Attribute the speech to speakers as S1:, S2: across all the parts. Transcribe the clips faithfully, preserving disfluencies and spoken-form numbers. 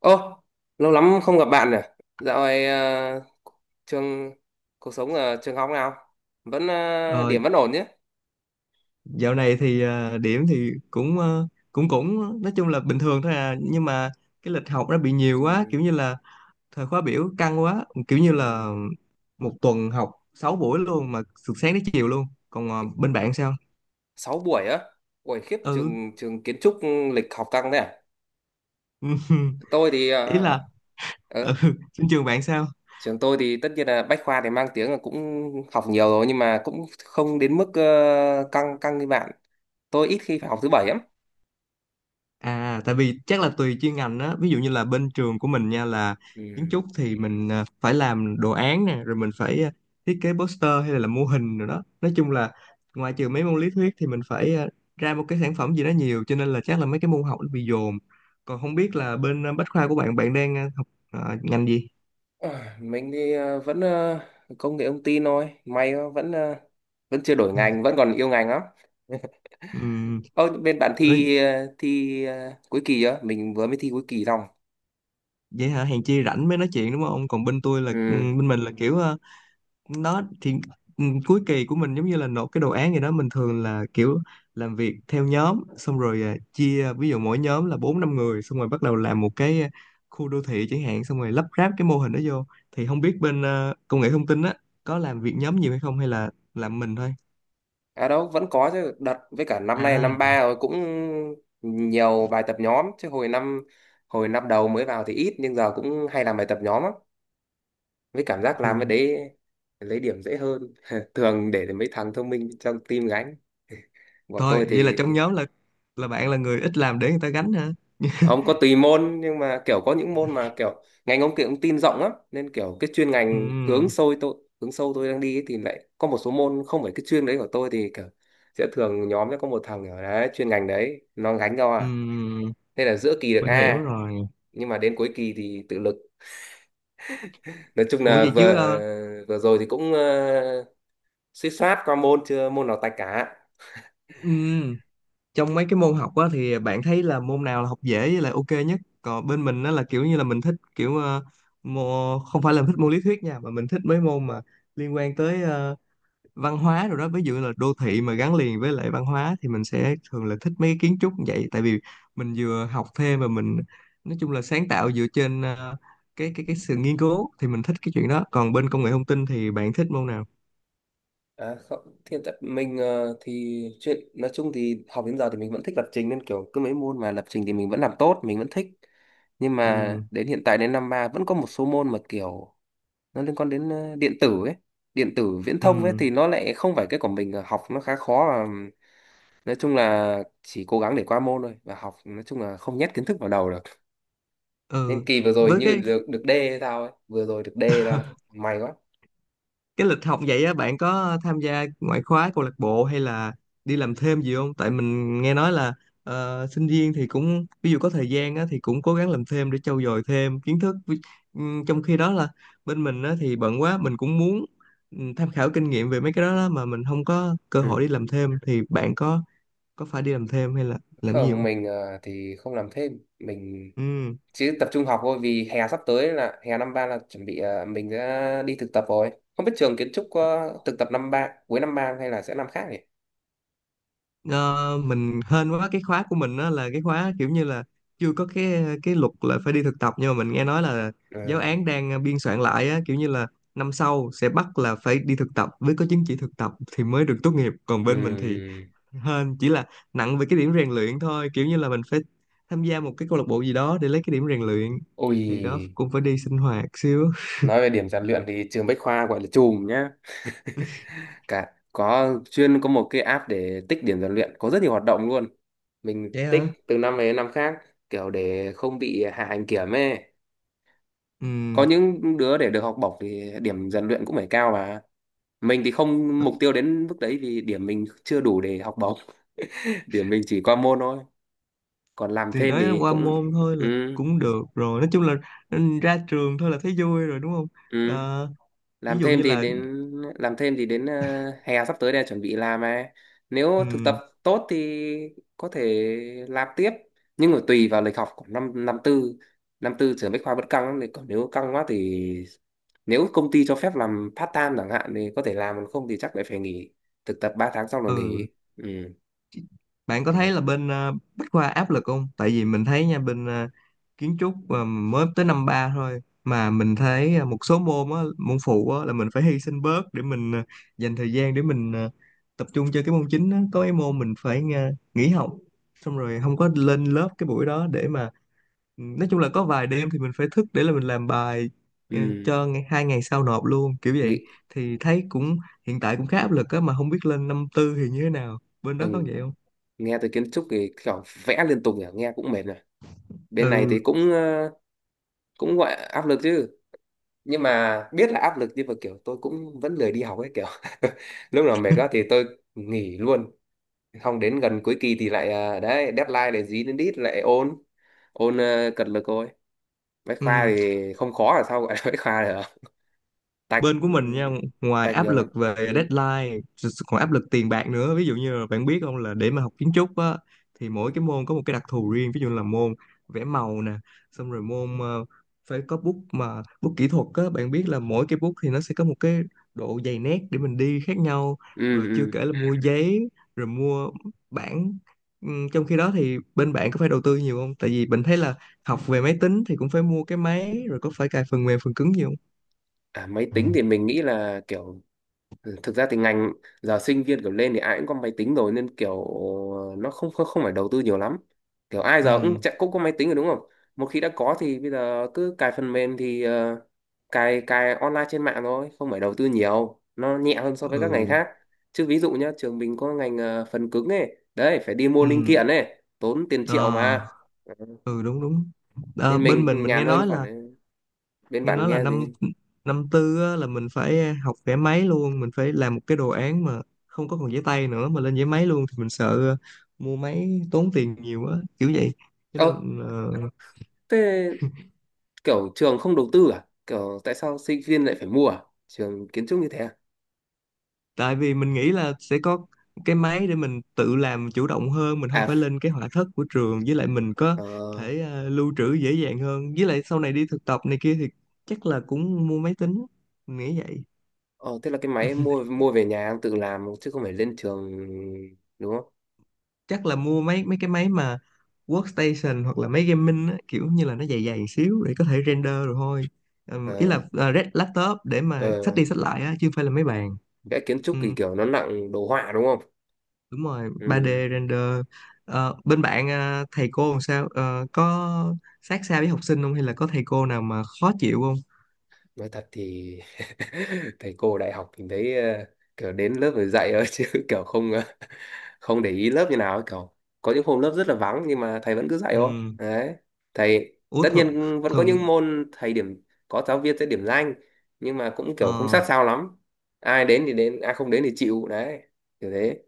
S1: Ô, lâu lắm không gặp bạn rồi. Dạo này ờ, trường, cuộc sống ở trường học nào? Vẫn ờ,
S2: Ờ,
S1: điểm vẫn ổn chứ?
S2: Dạo này thì à, điểm thì cũng ờ, cũng cũng nói chung là bình thường thôi à nhưng mà cái lịch học nó bị nhiều quá,
S1: Ừm,
S2: kiểu như là thời khóa biểu căng quá, kiểu như là
S1: ừm,
S2: một tuần học sáu buổi luôn, mà từ sáng đến chiều luôn. Còn ờ,
S1: khi-
S2: bên bạn sao?
S1: Sáu buổi á. Buổi khiếp,
S2: Ừ.
S1: trường trường kiến trúc lịch học căng thế à? Tôi thì
S2: Ý
S1: ờ,
S2: là, ừ,
S1: ờ,
S2: trên trường bạn sao?
S1: trường tôi thì tất nhiên là Bách Khoa thì mang tiếng là cũng học nhiều rồi, nhưng mà cũng không đến mức ờ, căng căng như bạn. Tôi ít khi phải học thứ bảy lắm.
S2: À, tại vì chắc là tùy chuyên ngành á, ví dụ như là bên trường của mình nha, là kiến
S1: Ừ.
S2: trúc thì mình à, phải làm đồ án nè, rồi mình phải à, thiết kế poster hay là làm mô hình rồi đó. Nói chung là ngoài trừ mấy môn lý thuyết thì mình phải à, ra một cái sản phẩm gì đó nhiều, cho nên là chắc là mấy cái môn học nó bị dồn. Còn không biết là bên à, bách khoa của bạn, bạn đang à, học à, ngành gì?
S1: À, mình thì ờ, vẫn ờ, công nghệ thông tin thôi, may quá, vẫn ờ, vẫn chưa đổi
S2: Ừ.
S1: ngành, vẫn còn yêu ngành lắm.
S2: Ừ.
S1: Ơ, bên bạn
S2: Ê,
S1: thi ờ, thi ờ, cuối kỳ chưa? Mình vừa mới thi cuối kỳ xong.
S2: vậy hả, hèn chi rảnh mới nói chuyện đúng không? Còn bên tôi là, ừ,
S1: Ừ,
S2: bên mình là kiểu à, nó thì ừ, cuối kỳ của mình giống như là nộp cái đồ án gì đó, mình thường là kiểu làm việc theo nhóm, xong rồi à, chia, ví dụ mỗi nhóm là bốn năm người, xong rồi bắt đầu làm một cái à, khu đô thị chẳng hạn, xong rồi lắp ráp cái mô hình đó vô. Thì không biết bên à, công nghệ thông tin á, có làm việc nhóm nhiều hay không, hay là làm mình thôi?
S1: à, đâu vẫn có chứ, đợt với cả năm nay là năm ba
S2: À.
S1: rồi cũng nhiều bài tập nhóm chứ hồi năm hồi năm đầu mới vào thì ít, nhưng giờ cũng hay làm bài tập nhóm lắm. Với cảm giác làm
S2: Ừ.
S1: cái đấy lấy điểm dễ hơn thường để mấy thằng thông minh trong team gánh. Bọn
S2: Thôi
S1: tôi
S2: vậy là
S1: thì
S2: trong nhóm là là bạn là người ít làm để người ta gánh hả?
S1: không có, tùy môn, nhưng mà kiểu có những môn mà kiểu ngành ông kia cũng tin rộng lắm, nên kiểu cái chuyên ngành hướng
S2: Ừ.
S1: sâu tôi hướng sâu tôi đang đi ấy, thì lại có một số môn không phải cái chuyên đấy của tôi thì kiểu sẽ thường nhóm sẽ có một thằng ở đấy chuyên ngành đấy nó gánh cho,
S2: Ừ.
S1: à nên là giữa kỳ được
S2: Mình hiểu
S1: A,
S2: rồi.
S1: nhưng mà đến cuối kỳ thì tự lực. Nói chung
S2: Ủa
S1: là
S2: vậy
S1: vừa
S2: chứ, ờ,
S1: vừa rồi thì cũng uh, suýt soát qua môn, chưa môn nào tạch cả.
S2: ừ, trong mấy cái môn học á, thì bạn thấy là môn nào là học dễ với lại ok nhất? Còn bên mình nó là kiểu như là mình thích kiểu, ờ, mô, không phải là thích môn lý thuyết nha, mà mình thích mấy môn mà liên quan tới ờ, văn hóa rồi đó. Ví dụ là đô thị mà gắn liền với lại văn hóa thì mình sẽ thường là thích mấy cái kiến trúc như vậy, tại vì mình vừa học thêm và mình nói chung là sáng tạo dựa trên ờ, cái cái cái sự nghiên cứu, thì mình thích cái chuyện đó. Còn bên công nghệ thông tin thì bạn thích môn nào?
S1: À, không, thì hiện tại mình ờ, thì chuyện nói chung thì học đến giờ thì mình vẫn thích lập trình, nên kiểu cứ mấy môn mà lập trình thì mình vẫn làm tốt, mình vẫn thích. Nhưng mà
S2: Ừ.
S1: đến hiện tại, đến năm ba vẫn có một số môn mà kiểu nó liên quan đến ờ, điện tử ấy, điện tử viễn
S2: Ừ.
S1: thông ấy, thì nó lại không phải cái của mình, ờ, học nó khá khó, và nói chung là chỉ cố gắng để qua môn thôi, và học nói chung là không nhét kiến thức vào đầu được. Nên
S2: Ừ.
S1: kỳ vừa rồi
S2: Với
S1: như
S2: cái
S1: được được D hay sao ấy, vừa rồi được D ra, may quá.
S2: cái lịch học vậy á, bạn có tham gia ngoại khóa, câu lạc bộ hay là đi làm thêm gì không? Tại mình nghe nói là ờ, sinh viên thì cũng, ví dụ có thời gian á, thì cũng cố gắng làm thêm để trau dồi thêm kiến thức. Ví- ừm, trong khi đó là bên mình á, thì bận quá, mình cũng muốn ừm, tham khảo kinh nghiệm về mấy cái đó đó, mà mình không có cơ hội
S1: Ừ.
S2: đi làm thêm. Thì bạn có có phải đi làm thêm hay là làm gì
S1: Không,
S2: không?
S1: mình ờ, thì không làm thêm. Mình
S2: Ừ.
S1: chứ tập trung học thôi, vì hè sắp tới là hè năm ba là chuẩn bị ờ, mình đã đi thực tập rồi. Không biết trường kiến trúc có thực tập năm ba, cuối năm ba hay là sẽ năm khác nhỉ?
S2: Ờ, mình hên quá, cái khóa của mình đó là cái khóa kiểu như là chưa có cái cái luật là phải đi thực tập, nhưng mà mình nghe nói là
S1: Ừ.
S2: giáo án đang ờ, biên soạn lại á, kiểu như là năm sau sẽ bắt là phải đi thực tập, với có chứng chỉ thực tập thì mới được tốt nghiệp. Còn bên mình thì
S1: Ừm.
S2: hên chỉ là nặng về cái điểm rèn luyện thôi, kiểu như là mình phải tham gia một cái câu lạc bộ gì đó để lấy cái điểm rèn luyện, thì đó,
S1: Ôi,
S2: cũng phải đi sinh hoạt xíu.
S1: nói về điểm rèn luyện thì trường Bách Khoa gọi là chùm nhá. Cả có chuyên có một cái app để tích điểm rèn luyện, có rất nhiều hoạt động luôn, mình
S2: Vậy
S1: tích
S2: hả.
S1: từ năm này đến năm khác, kiểu để không bị hạ hành kiểm ấy.
S2: Ừ,
S1: Có những đứa để được học bổng thì điểm rèn luyện cũng phải cao, mà mình thì không mục tiêu đến mức đấy vì điểm mình chưa đủ để học bổng. Điểm mình chỉ qua môn thôi. Còn làm
S2: thì
S1: thêm
S2: đó,
S1: thì
S2: qua
S1: cũng
S2: môn thôi
S1: ừ,
S2: là cũng được rồi, nói chung là, ừ, ra trường thôi là thấy vui rồi đúng không.
S1: ừ,
S2: Ờ, Ví
S1: làm
S2: dụ
S1: thêm
S2: như
S1: thì
S2: là,
S1: đến làm thêm thì đến ờ, hè sắp tới đây chuẩn bị làm, mà nếu thực tập
S2: ừ,
S1: tốt thì có thể làm tiếp. Nhưng mà tùy vào lịch học của năm năm tư. Năm tư trường Bách Khoa vẫn căng lắm, thì còn nếu căng quá thì nếu công ty cho phép làm part time chẳng hạn thì có thể làm, còn không thì chắc lại phải nghỉ. Thực tập ba tháng xong là
S2: ừ
S1: nghỉ. Ừ.
S2: bạn có
S1: thì-
S2: thấy là bên ờ, Bách Khoa áp lực không? Tại vì mình thấy nha, bên ờ, kiến trúc mà mới tới năm ba thôi mà mình thấy, ờ, một số môn á, môn phụ á, là mình phải hy sinh bớt để mình ờ, dành thời gian để mình ờ, tập trung cho cái môn chính á. Có cái môn mình phải ờ, nghỉ học, xong rồi không có lên lớp cái buổi đó để mà, nói chung là có vài đêm thì mình phải thức để là mình làm bài ừ,
S1: ừ.
S2: cho ngày, hai ngày sau nộp luôn, kiểu
S1: Nghĩ
S2: vậy. Thì thấy cũng, hiện tại cũng khá áp lực á, mà không biết lên năm tư thì như thế nào, bên
S1: ừ,
S2: đó có vậy không.
S1: nghe tới kiến trúc thì kiểu vẽ liên tục nhỉ, nghe cũng mệt rồi. Bên này
S2: Ừ.
S1: thì cũng ờ, cũng gọi là áp lực chứ. Nhưng mà biết là áp lực, nhưng mà kiểu tôi cũng vẫn lười đi học ấy, kiểu lúc nào mệt quá thì tôi nghỉ luôn, không đến gần cuối kỳ thì lại ờ, đấy, deadline để dí đến đít lại ôn, ôn ờ, cật lực thôi. Bách Khoa
S2: Ừ.
S1: thì không khó là sao gọi là Bách Khoa được. Tạch,
S2: Bên
S1: ừ,
S2: của mình nha, ngoài
S1: tạch
S2: áp
S1: nhiều lắm.
S2: lực về
S1: Ừ.
S2: deadline còn áp lực tiền bạc nữa. Ví dụ như là bạn biết không, là để mà học kiến trúc á, thì mỗi cái môn có một cái đặc thù riêng. Ví dụ là môn vẽ màu nè, xong rồi môn ờ, phải có bút, mà bút kỹ thuật á, bạn biết là mỗi cái bút thì nó sẽ có một cái độ dày nét để mình đi khác nhau,
S1: Ừ,
S2: rồi chưa
S1: ừ.
S2: kể là, Ừ, mua giấy, rồi mua bảng. Ừm, trong khi đó thì bên bạn có phải đầu tư nhiều không? Tại vì mình thấy là học về máy tính thì cũng phải mua cái máy, rồi có phải cài phần mềm, phần cứng nhiều không?
S1: À, máy tính thì mình nghĩ là kiểu ừ, thực ra thì ngành giờ sinh viên kiểu lên thì ai cũng có máy tính rồi, nên kiểu nó không không, không phải đầu tư nhiều lắm. Kiểu ai giờ cũng
S2: Ừ.
S1: chạy- cũng có máy tính rồi đúng không? Một khi đã có thì bây giờ cứ cài phần mềm thì ờ, cài cài online trên mạng thôi, không phải đầu tư nhiều, nó nhẹ hơn so với các ngành
S2: Ừ.
S1: khác. Chứ ví dụ nhá, trường mình có ngành ờ, phần cứng ấy đấy, phải đi mua linh
S2: Ừ.
S1: kiện ấy tốn tiền
S2: Ờ.
S1: triệu mà. Ừ.
S2: Ừ, đúng đúng. Ờ,
S1: Nên
S2: bên mình
S1: mình
S2: mình nghe
S1: nhàn hơn
S2: nói
S1: khoản
S2: là,
S1: ấy. Bên
S2: nghe
S1: bạn
S2: nói là
S1: nghe gì?
S2: năm, năm tư á, là mình phải học vẽ máy luôn, mình phải làm một cái đồ án mà không có còn giấy tay nữa mà lên giấy máy luôn. Thì mình sợ ờ, mua máy tốn tiền nhiều á, kiểu vậy. Cho
S1: Ờ,
S2: nên, ờ,
S1: thế kiểu trường không đầu tư à, kiểu tại sao sinh viên lại phải mua à, trường kiến trúc như thế à?
S2: tại vì mình nghĩ là sẽ có cái máy để mình tự làm chủ động hơn, mình không
S1: à
S2: phải
S1: ph-
S2: lên cái họa thất của trường, với lại mình có
S1: ờ,
S2: thể ờ, lưu trữ dễ dàng hơn. Với lại sau này đi thực tập này kia thì chắc là cũng mua máy tính, mình nghĩ vậy.
S1: ờ, thế là cái máy em mua, mua về nhà em tự làm chứ không phải lên trường đúng không?
S2: Chắc là mua mấy mấy cái máy mà workstation hoặc là máy gaming á, kiểu như là nó dày dày xíu để có thể render rồi thôi.
S1: Ờ,
S2: Ừm, ý là à, red- laptop để mà xách
S1: ờ,
S2: đi xách lại á, chứ không phải là máy bàn.
S1: vẽ kiến trúc thì
S2: Ừm,
S1: kiểu nó nặng đồ họa đúng không?
S2: Đúng rồi,
S1: Ừ,
S2: ba đê render. Ờ, bên bạn, à, thầy cô làm sao? Ờ, có sát sao với học sinh không, hay là có thầy cô nào mà khó chịu không?
S1: nói thật thì thầy cô đại học mình thấy ờ, kiểu đến lớp rồi dạy thôi chứ, kiểu không ờ, không để ý lớp như nào ấy cậu. Có những hôm lớp rất là vắng nhưng mà thầy vẫn cứ dạy thôi,
S2: Ừm,
S1: đấy. Thầy
S2: Ủa
S1: tất
S2: thường,
S1: nhiên vẫn có
S2: thường
S1: những môn thầy điểm, có giáo viên sẽ điểm danh, nhưng mà cũng kiểu không
S2: ờ,
S1: sát sao lắm. Ai đến thì đến, ai không đến thì chịu đấy, kiểu thế.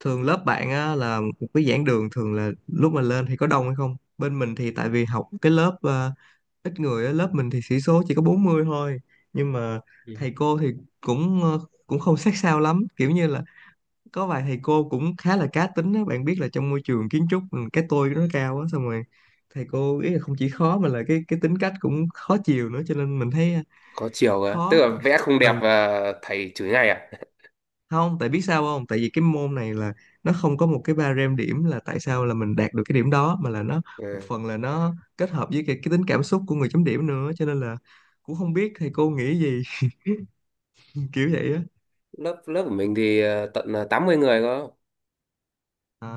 S2: thường lớp bạn á, là một cái giảng đường, thường là lúc mà lên thì có đông hay không? Bên mình thì tại vì học cái lớp ờ, ít người á, lớp mình thì sĩ số chỉ có bốn mươi thôi, nhưng mà
S1: Ừ.
S2: thầy cô thì cũng ờ, cũng không sát sao lắm, kiểu như là có vài thầy cô cũng khá là cá tính á. Bạn biết là trong môi trường kiến trúc, ừ, cái tôi nó cao á, xong rồi thầy cô ý là không chỉ khó mà là cái cái tính cách cũng khó chiều nữa, cho nên mình thấy ờ,
S1: Có chiều cơ, tức
S2: khó.
S1: là vẽ không đẹp
S2: Ừ,
S1: và thầy chửi ngay à?
S2: không, tại biết sao không, tại vì cái môn này là nó không có một cái ba rem điểm là tại sao là mình đạt được cái điểm đó, mà là nó một
S1: Ừ.
S2: phần là nó kết hợp với cái, cái tính cảm xúc của người chấm điểm nữa, cho nên là cũng không biết thầy cô nghĩ gì, kiểu vậy á.
S1: lớp lớp của mình thì ờ, tận ờ, tám mươi người cơ.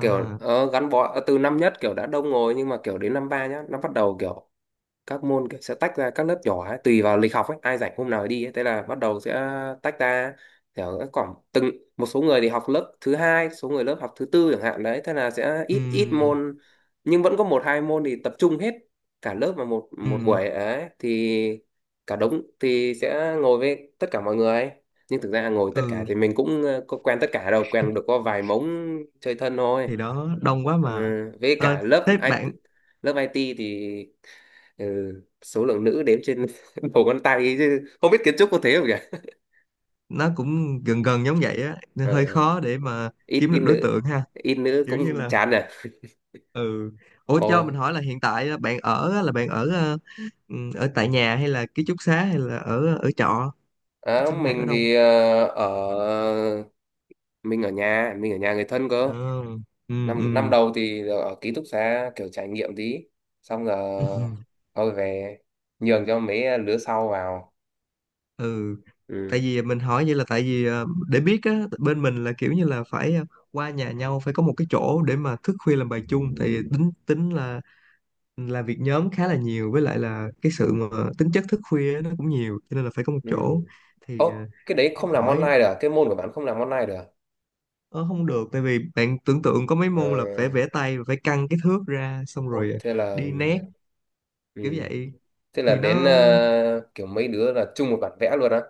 S1: Kiểu ờ, gắn bó ờ, từ năm nhất kiểu đã đông rồi, nhưng mà kiểu đến năm ba nhá nó bắt đầu kiểu các môn kiểu sẽ tách ra các lớp nhỏ ấy, tùy vào lịch học ấy, ai rảnh hôm nào đi ấy. Thế là bắt đầu sẽ tách ra, kiểu các khoảng từng, một số người thì học lớp thứ hai, số người lớp học thứ tư chẳng hạn đấy, thế là sẽ ít ít
S2: Ừm.
S1: môn. Nhưng vẫn có một hai môn thì tập trung hết cả lớp vào một một
S2: Ừm.
S1: buổi ấy, thì cả đống thì sẽ ngồi với tất cả mọi người. Nhưng thực ra ngồi tất cả
S2: Ừ,
S1: thì mình cũng ờ, có quen tất cả đâu, quen được có vài mống chơi thân thôi.
S2: thì đó, đông quá
S1: Ừ,
S2: mà.
S1: với
S2: Ờ,
S1: cả lớp
S2: Thế
S1: i ti,
S2: bạn,
S1: lớp i ti thì ừ, số lượng nữ đếm trên đầu ngón tay ấy, chứ không biết kiến trúc có thế không nhỉ?
S2: nó cũng gần gần giống vậy á, nên
S1: Ờ,
S2: hơi khó để mà
S1: ít,
S2: kiếm
S1: ít
S2: được đối
S1: nữ,
S2: tượng ha,
S1: ít nữ
S2: kiểu như
S1: cũng
S2: là,
S1: chán rồi.
S2: ừ. Ủa cho mình
S1: Ôi,
S2: hỏi là hiện tại á, bạn ở á, là bạn ở ờ, ừm, ở tại nhà hay là ký túc xá hay là ở ờ, ở trọ,
S1: à,
S2: sinh hoạt ở
S1: mình
S2: đâu?
S1: thì ờ, ở mình ở nhà, mình ở nhà người thân
S2: Ừ.
S1: cơ.
S2: Ừ.
S1: Năm năm
S2: Ừ.
S1: đầu thì ở ký túc xá kiểu trải nghiệm tí, xong rồi thôi về, nhường cho mấy lứa sau vào.
S2: Ừ.
S1: Ừ,
S2: Tại vì mình hỏi vậy là tại vì ờ, để biết á, bên mình là kiểu như là phải ờ, qua nhà nhau, phải có một cái chỗ để mà thức khuya làm bài chung, tại vì tính tính là là việc nhóm khá là nhiều, với lại là cái sự mà tính chất thức khuya á, nó cũng nhiều cho nên là phải có một
S1: ừ.
S2: chỗ. Thì, ờ,
S1: Ố, cái đấy
S2: đang
S1: không làm
S2: hỏi,
S1: online được à? Cái môn của bạn không làm online được à?
S2: ờ, không được. Tại vì bạn tưởng tượng có mấy
S1: Ờ,
S2: môn là phải vẽ tay, phải căng cái thước ra, xong
S1: ôi
S2: rồi ờ,
S1: thế là
S2: đi nét,
S1: ừ.
S2: kiểu vậy.
S1: Thế là
S2: Thì
S1: đến
S2: nó,
S1: ờ, kiểu mấy đứa là chung một bản vẽ luôn á.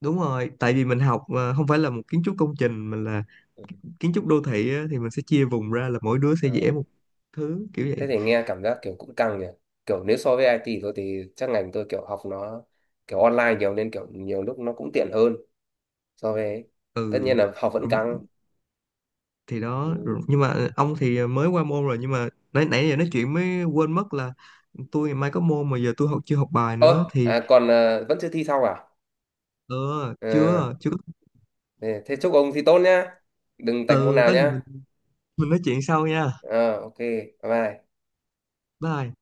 S2: đúng rồi, tại vì mình học ờ, không phải là một kiến trúc công trình mà là
S1: Ừ.
S2: kiến trúc đô thị á, thì mình sẽ chia vùng ra là mỗi đứa sẽ
S1: Ờ,
S2: vẽ một thứ, kiểu
S1: thế
S2: vậy.
S1: thì nghe cảm giác kiểu cũng căng nhỉ. Kiểu nếu so với i ti thì tôi thì chắc ngành tôi kiểu học nó kiểu online nhiều, nên kiểu nhiều lúc nó cũng tiện hơn so với ấy. Tất
S2: Ừ.
S1: nhiên là học vẫn
S2: Rồi,
S1: căng.
S2: thì đó rồi,
S1: Ừ.
S2: nhưng mà ông thì mới qua môn rồi, nhưng mà nãy nãy giờ nói chuyện mới quên mất là tôi ngày mai có môn mà giờ tôi học, chưa học bài nữa
S1: Ơ,
S2: thì,
S1: à, còn ờ, vẫn chưa thi xong à?
S2: ờ
S1: Ờ,
S2: chưa, chưa.
S1: thế thế chúc ông thi tốt nhá. Đừng tạch môn
S2: Ừ,
S1: nào
S2: có gì mình
S1: nhá.
S2: mình nói chuyện sau nha.
S1: Ờ, ok, bye bye.
S2: Bye.